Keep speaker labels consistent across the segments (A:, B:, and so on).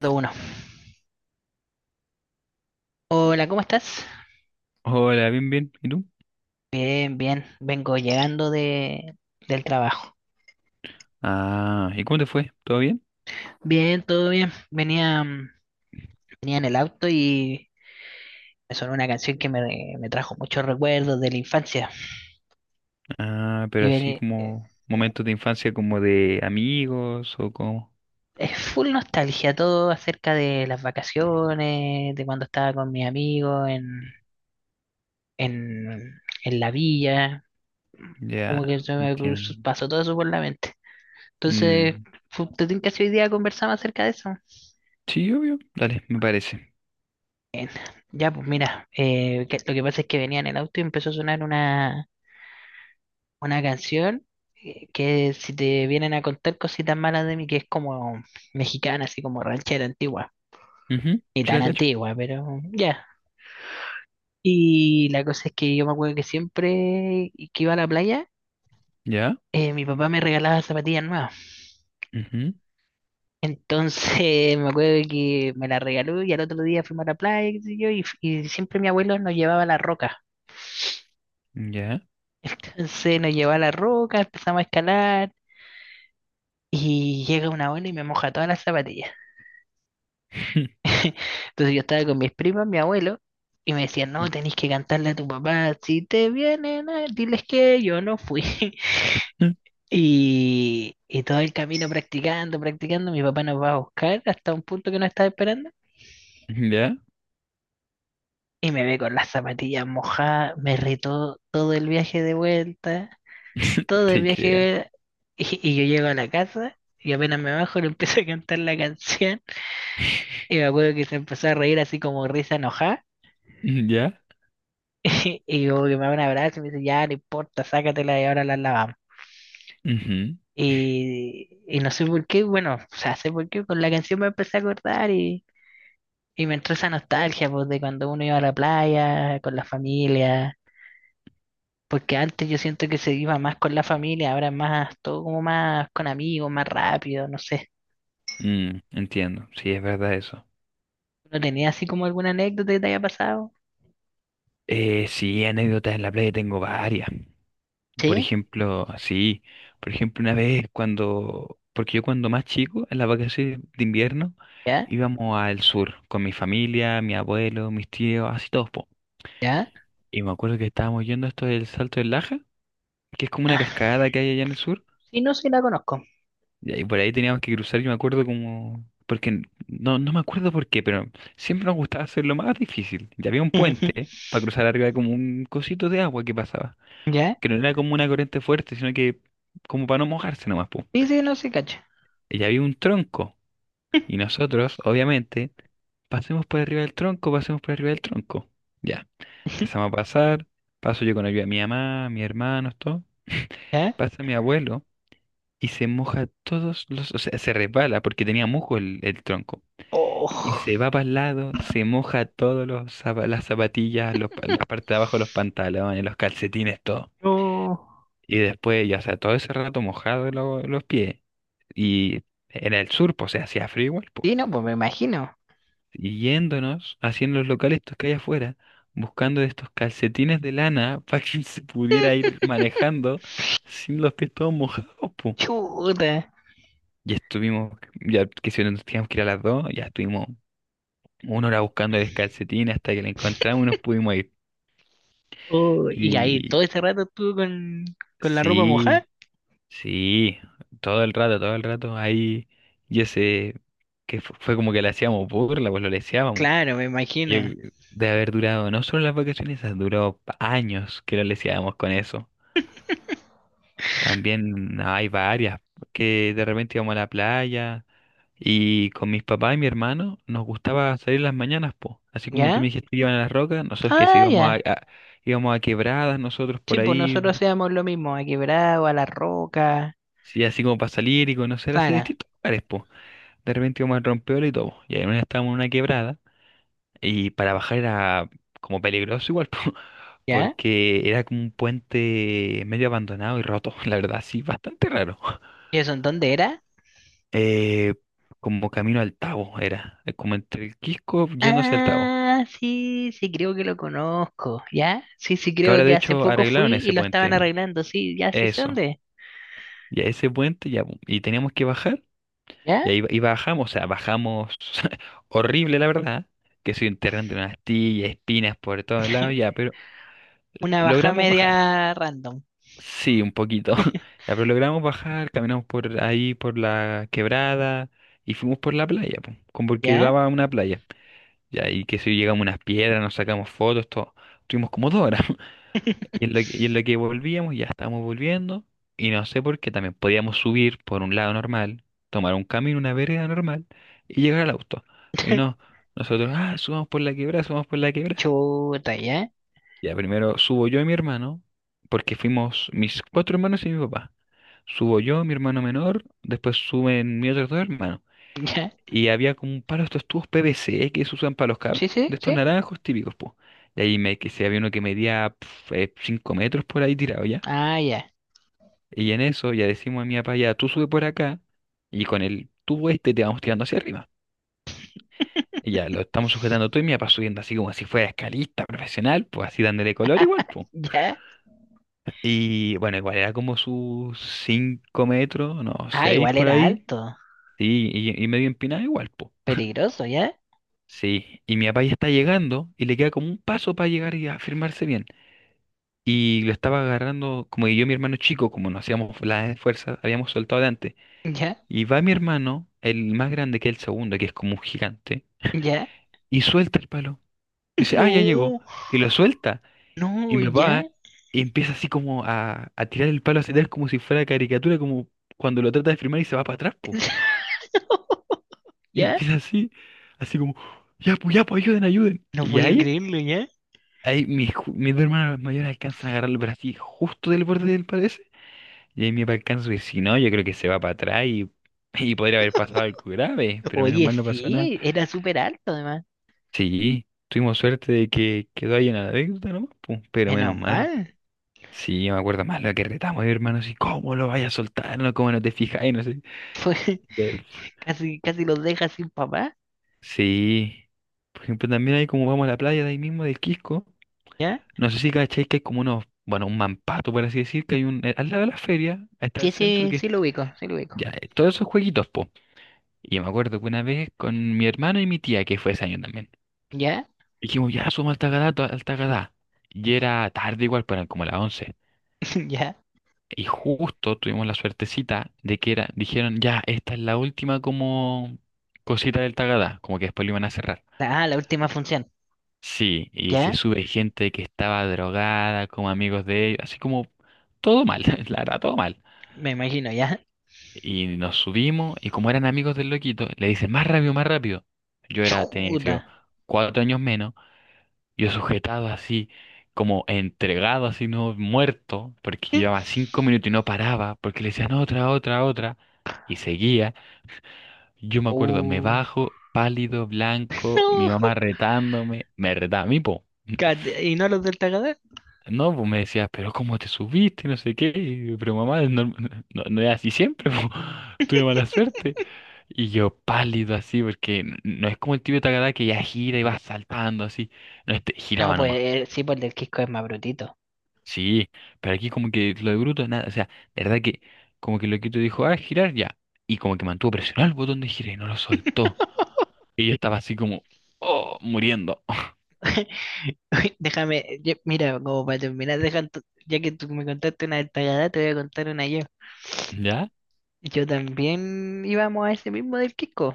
A: Uno. Hola, ¿cómo estás?
B: Hola, bien, bien. ¿Y tú?
A: Bien, bien. Vengo llegando del trabajo.
B: Ah, ¿y cómo te fue? ¿Todo bien?
A: Bien, todo bien. Venía en el auto y me sonó una canción que me trajo muchos recuerdos de la infancia.
B: Ah, pero
A: Y
B: así
A: veni- eh,
B: como momentos de infancia como de amigos o como...
A: es full nostalgia, todo acerca de las vacaciones, de cuando estaba con mis amigos en, en la villa. Como que
B: Ya,
A: se me cruzó-
B: entiendo.
A: Pasó todo eso por la mente. Entonces,
B: Mm,
A: ¿te tinca si hoy día conversamos acerca de eso?
B: sí, obvio. Dale, me parece.
A: Ya, pues mira, lo que pasa es que venía en el auto y empezó a sonar una canción, que si te vienen a contar cositas malas de mí, que es como mexicana, así como ranchera antigua,
B: Ujú,
A: ni
B: sí
A: tan
B: la cacho.
A: antigua, pero ya. Y la cosa es que yo me acuerdo que siempre que iba a la playa,
B: Ya.
A: mi papá me regalaba zapatillas nuevas.
B: Ujú.
A: Entonces me acuerdo que me las regaló y al otro día fuimos a la playa, qué sé yo, y siempre mi abuelo nos llevaba a la roca.
B: Ya.
A: Entonces nos llevaba a la roca, empezamos a escalar. Y llega una abuela y me moja todas las zapatillas. Entonces yo estaba con mis primas, mi abuelo, y me decían, no, tenés que cantarle a tu papá, si te vienen, diles que yo no fui. Y, y todo el camino practicando, practicando, mi papá nos va a buscar hasta un punto que no estaba esperando.
B: Ya.
A: Y me ve con las zapatillas mojadas, me retó todo el viaje de vuelta, todo el
B: Te
A: viaje
B: creo.
A: de vuelta. Y yo llego a la casa y apenas me bajo le empiezo a cantar la canción. Y me acuerdo que se empezó a reír así como risa enojada.
B: ¿Ya?
A: Y como que me da un abrazo y me dice, ya, no importa, sácatela y ahora la lavamos.
B: Ujú,
A: Y no sé por qué, bueno, o sea, sé por qué, con la canción me empecé a acordar y me entró esa nostalgia, pues, de cuando uno iba a la playa, con la familia, porque antes yo siento que se iba más con la familia, ahora es más, todo como más con amigos, más rápido, no sé.
B: mm, entiendo. Sí, es verdad eso.
A: ¿No tenía así como alguna anécdota que te haya pasado?
B: Sí, anécdotas en la playa tengo varias. Por
A: Sí,
B: ejemplo, sí, por ejemplo, una vez cuando, porque yo cuando más chico, en las vacaciones de invierno,
A: ya,
B: íbamos al sur con mi familia, mi abuelo, mis tíos, así todos, po.
A: ya.
B: Y me acuerdo que estábamos yendo a esto del Salto del Laja, que es como una
A: Ah,
B: cascada que hay allá en el sur,
A: sí, no, sí la conozco.
B: y ahí por ahí teníamos que cruzar, yo me acuerdo como, porque no me acuerdo por qué, pero siempre nos gustaba hacer lo más difícil. Ya había un puente, ¿eh?, para cruzar arriba de como un cosito de agua que pasaba,
A: ¿Ya?
B: que no era como una corriente fuerte, sino que como para no mojarse nomás, po.
A: Sí, sí, no, sí, cacho.
B: Y había un tronco. Y nosotros, obviamente, pasemos por arriba del tronco, pasemos por arriba del tronco. Ya. Empezamos a pasar. Paso yo con ayuda de mi mamá, mis hermanos, todo.
A: ¿Ya?
B: Pasa mi abuelo y se moja todos los. O sea, se resbala porque tenía musgo el tronco. Y
A: Oh.
B: se va para el lado, se moja todos los las zapatillas, los la parte de abajo de los pantalones, los calcetines, todo.
A: No.
B: Y después, ya, o sea, todo ese rato mojado los pies. Y era el sur, pues, o sea, hacía frío igual, pues.
A: Sí, no, pues me imagino.
B: Y yéndonos, haciendo los locales estos que hay afuera, buscando estos calcetines de lana para que se pudiera ir manejando sin los pies todos mojados, po.
A: Chuta.
B: Ya estuvimos, ya que si no, nos teníamos que ir a las 2, ya estuvimos una hora buscando el calcetín hasta que lo encontramos y nos pudimos ir.
A: Oh, y ahí todo
B: Y
A: ese rato estuvo con la ropa mojada.
B: sí, sí, todo el rato ahí, y ese, que fue como que le hacíamos burla, pues lo
A: Claro, me
B: Yo,
A: imagino.
B: de haber durado, no solo las vacaciones, esas duró años que lo leseábamos con eso. También no, hay varias, que de repente íbamos a la playa y con mis papás y mi hermano nos gustaba salir las mañanas, po. Así como tú me
A: ¿Ya?
B: dijiste que iban a las rocas, nosotros que sí
A: Ah,
B: íbamos
A: ya.
B: íbamos a quebradas, nosotros
A: Sí,
B: por
A: pues
B: ahí,
A: nosotros hacíamos lo mismo, a Quebrado, a La Roca.
B: sí, así como para salir y conocer así
A: Claro.
B: distintos lugares, po. De repente íbamos al rompeola y todo. Y ahí estábamos en una quebrada. Y para bajar era como peligroso igual, po,
A: ¿Ya?
B: porque era como un puente medio abandonado y roto, la verdad, sí, bastante raro.
A: ¿Y eso en dónde era?
B: Eh, como camino al Tabo era, como entre el Quisco yendo hacia el Tabo.
A: Ah, sí, sí, creo que lo conozco. ¿Ya? Sí, sí,
B: Que
A: creo
B: ahora de
A: que hace
B: hecho
A: poco fui
B: arreglaron
A: y
B: ese
A: lo estaban
B: puente.
A: arreglando. Sí, ya, sí sé
B: Eso.
A: dónde es.
B: Y a ese puente ya, y teníamos que bajar. Y
A: ¿Ya?
B: ahí y bajamos, o sea, bajamos horrible, la verdad, que se enterran de unas astillas, espinas por todos lados, ya, pero
A: Una baja
B: logramos bajar.
A: media random.
B: Sí, un poquito. Ya, pero logramos bajar, caminamos por ahí, por la quebrada y fuimos por la playa, po, como porque
A: ¿Ya?
B: daba una playa. Ya, y que si llegamos a unas piedras, nos sacamos fotos, todo. Estuvimos como 2 horas. Y en lo que, y en lo que volvíamos, ya estábamos volviendo. Y no sé por qué también podíamos subir por un lado normal, tomar un camino, una vereda normal y llegar al auto. Y no, nosotros, ah, subamos por la quebrada, subamos por la quebrada.
A: Chuta, ¿ya?
B: Ya primero subo yo y mi hermano, porque fuimos mis cuatro hermanos y mi papá. Subo yo, mi hermano menor, después suben mis otros dos hermanos.
A: ¿Ya?
B: Y había como un palo de estos tubos PVC que se usan para los
A: Sí,
B: cables, de
A: sí,
B: estos
A: sí.
B: naranjos típicos, pues. Y ahí me, que se había uno que medía 5 metros por ahí tirado ya.
A: Ah, ya.
B: Y en eso ya decimos a mi papá, ya tú sube por acá y con el tubo este te vamos tirando hacia arriba. Y ya lo estamos sujetando todo y mi papá subiendo así como si fuera escalista profesional, pues así dándole color igual,
A: ¿Ya?
B: Y bueno, igual era como sus 5 metros, no,
A: Ah,
B: 6
A: igual
B: por
A: era
B: ahí.
A: alto.
B: Sí, y medio empinada igual, po.
A: Peligroso, ¿ya?
B: Sí, y mi papá ya está llegando y le queda como un paso para llegar y afirmarse bien. Y lo estaba agarrando, como que yo y mi hermano chico, como no hacíamos la fuerza, habíamos soltado de antes.
A: ¿Ya?
B: Y va mi hermano, el más grande que es el segundo, que es como un gigante,
A: ¿Ya?
B: y suelta el palo. Dice, ah, ya llegó.
A: No,
B: Y lo suelta. Y
A: no,
B: mi
A: ¿ya?
B: papá empieza así como a tirar el palo hacia atrás como si fuera caricatura, como cuando lo trata de firmar y se va para atrás, po. Y
A: ¿Ya?
B: empieza así, así como, ya, pues, ayuden, ayuden.
A: No
B: Y
A: voy a
B: ahí,
A: creerlo, ¿ya?
B: ahí mis, mis dos hermanas mayores alcanzan a agarrarlo, pero así, justo del borde del palo ese. Y ahí mi papá alcanza y dice, si no, yo creo que se va para atrás y podría haber pasado algo grave, pero menos
A: Oye,
B: mal no pasó nada.
A: sí, era súper alto además.
B: Sí, tuvimos suerte de que quedó ahí en la anécdota nomás, po, pero
A: Menos
B: menos mal.
A: mal.
B: Sí, yo me acuerdo más lo que retamos, mi hermano, así, ¿cómo lo vaya a soltar? No, ¿cómo no te fijas? No sé.
A: Fue,
B: De-
A: casi, casi los deja sin papá,
B: Sí. Por ejemplo, también hay como vamos a la playa de ahí mismo, del Quisco.
A: ¿ya?
B: No sé si cacháis que hay como unos, bueno, un mampato, por así decir, que hay un, al lado de la feria, ahí está
A: Sí,
B: el centro,
A: sí,
B: que es,
A: sí lo ubico, sí lo ubico.
B: ya, todos esos jueguitos, po. Y yo me acuerdo que una vez con mi hermano y mi tía, que fue ese año también,
A: ¿Ya?
B: dijimos, ya, somos Altagadá, Altagadá. Y era tarde igual, pero eran como las 11.
A: ¿Ya?
B: Y justo tuvimos la suertecita de que era, dijeron, ya, esta es la última como cosita del Tagadá, como que después lo iban a cerrar.
A: Ah, la última función.
B: Sí, y se
A: ¿Ya?
B: sube gente que estaba drogada, como amigos de ellos, así como todo mal, la verdad, todo mal.
A: Me imagino, ¿ya?
B: Y nos subimos, y como eran amigos del loquito, le dicen, más rápido, más rápido. Yo era, tenía, que sé
A: Chuta.
B: yo, 4 años menos. Yo sujetado así, como entregado así, no muerto, porque llevaba 5 minutos y no paraba, porque le decían otra, otra, otra, y seguía. Yo me acuerdo, me
A: Oh.
B: bajo, pálido, blanco, mi
A: No.
B: mamá retándome, me retaba a mí, po.
A: ¿Y no los del Tagadá?
B: No, pues me decía, pero ¿cómo te subiste? No sé qué, y yo, pero mamá, no, no, no es así siempre, po. Tuve mala suerte. Y yo pálido así, porque no es como el tibio Takada que ya gira y va saltando así. No, este
A: No,
B: giraba
A: pues
B: nomás.
A: sí, pues el del Quisco es más brutito.
B: Sí, pero aquí como que lo de Bruto, nada, o sea, de verdad que como que Loquito dijo, ah, girar ya, y como que mantuvo presionado el botón de girar y no lo soltó, y yo estaba así como, oh, muriendo,
A: Déjame, mira, como para terminar, ya que tú me contaste una del Tagadá, te voy a contar una yo.
B: ¿ya?
A: Yo también íbamos a ese mismo del Quisco.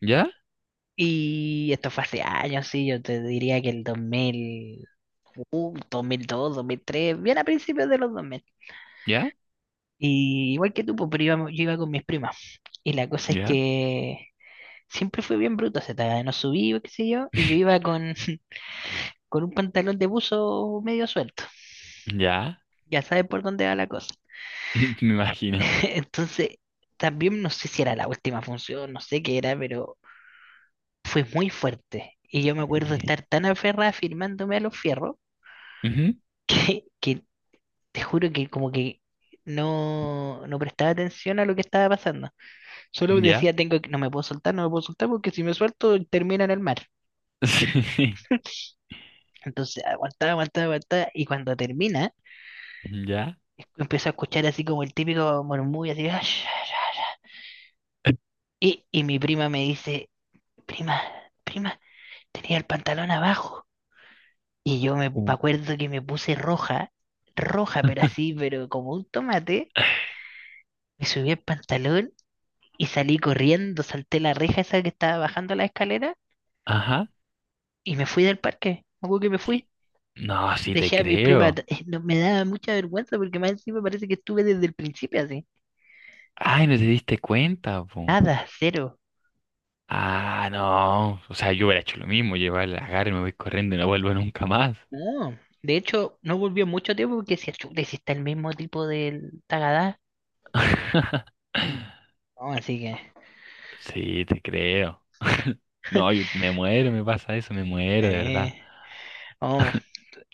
B: ¿Ya?
A: Y esto fue hace años, sí, yo te diría que el 2000, 2002, 2003, bien a principios de los 2000.
B: ¿Ya?
A: Y igual que tú, pues, pero yo iba con mis primas. Y la cosa es
B: ¿Ya?
A: que siempre fue bien bruto ese Tagadá, no subí, qué sé yo, y yo iba con un pantalón de buzo medio suelto.
B: ¿Ya?
A: Ya sabes por dónde va la cosa.
B: Me imagino.
A: Entonces, también no sé si era la última función, no sé qué era, pero fue muy fuerte. Y yo me acuerdo estar tan aferrada firmándome a los fierros
B: Ujú.
A: que te juro que como que no, no prestaba atención a lo que estaba pasando. Solo
B: ¿Ya?
A: decía, tengo que, no me puedo soltar, no me puedo soltar porque si me suelto termina en el mar.
B: Sí,
A: Entonces aguantaba, aguantaba, aguantaba y cuando termina,
B: ¿ya?
A: empiezo a escuchar así como el típico murmullo así, "Ash, ash, ash". Y mi prima me dice, prima, prima, tenía el pantalón abajo. Y yo me acuerdo que me puse roja, roja, pero así, pero como un tomate. Me subí el pantalón y salí corriendo, salté la reja esa que estaba bajando la escalera
B: Ajá.
A: y me fui del parque. Me acuerdo que me
B: Y-
A: fui.
B: No, sí te
A: Dejé a mis primas,
B: creo.
A: no, me daba mucha vergüenza porque más encima parece que estuve desde el principio así.
B: Ay, no te diste cuenta, po.
A: Nada, cero.
B: Ah, no. O sea, yo hubiera hecho lo mismo, llevar la agarre, me voy corriendo y no vuelvo nunca más.
A: No. De hecho, no volvió mucho tiempo porque si, chuta, y si está el mismo tipo del Tagadá. No, así que.
B: Sí, te creo. No, yo me muero, me pasa eso, me muero, de
A: Eh,
B: verdad.
A: oh,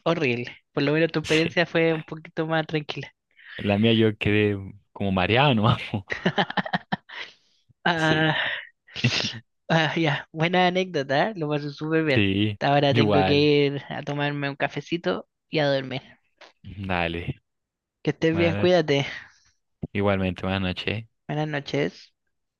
A: horrible. Por lo menos tu
B: Sí.
A: experiencia fue un poquito más tranquila.
B: La mía yo quedé como mareado, ¿no? Sí,
A: Ah, ah, ya, buena anécdota, ¿eh? Lo pasé súper bien.
B: sí.
A: Ahora tengo que
B: Igual.
A: ir a tomarme un cafecito y a dormir.
B: Dale.
A: Que estés
B: Buenas
A: bien,
B: noches.
A: cuídate.
B: Igualmente, buenas noches.
A: Buenas noches.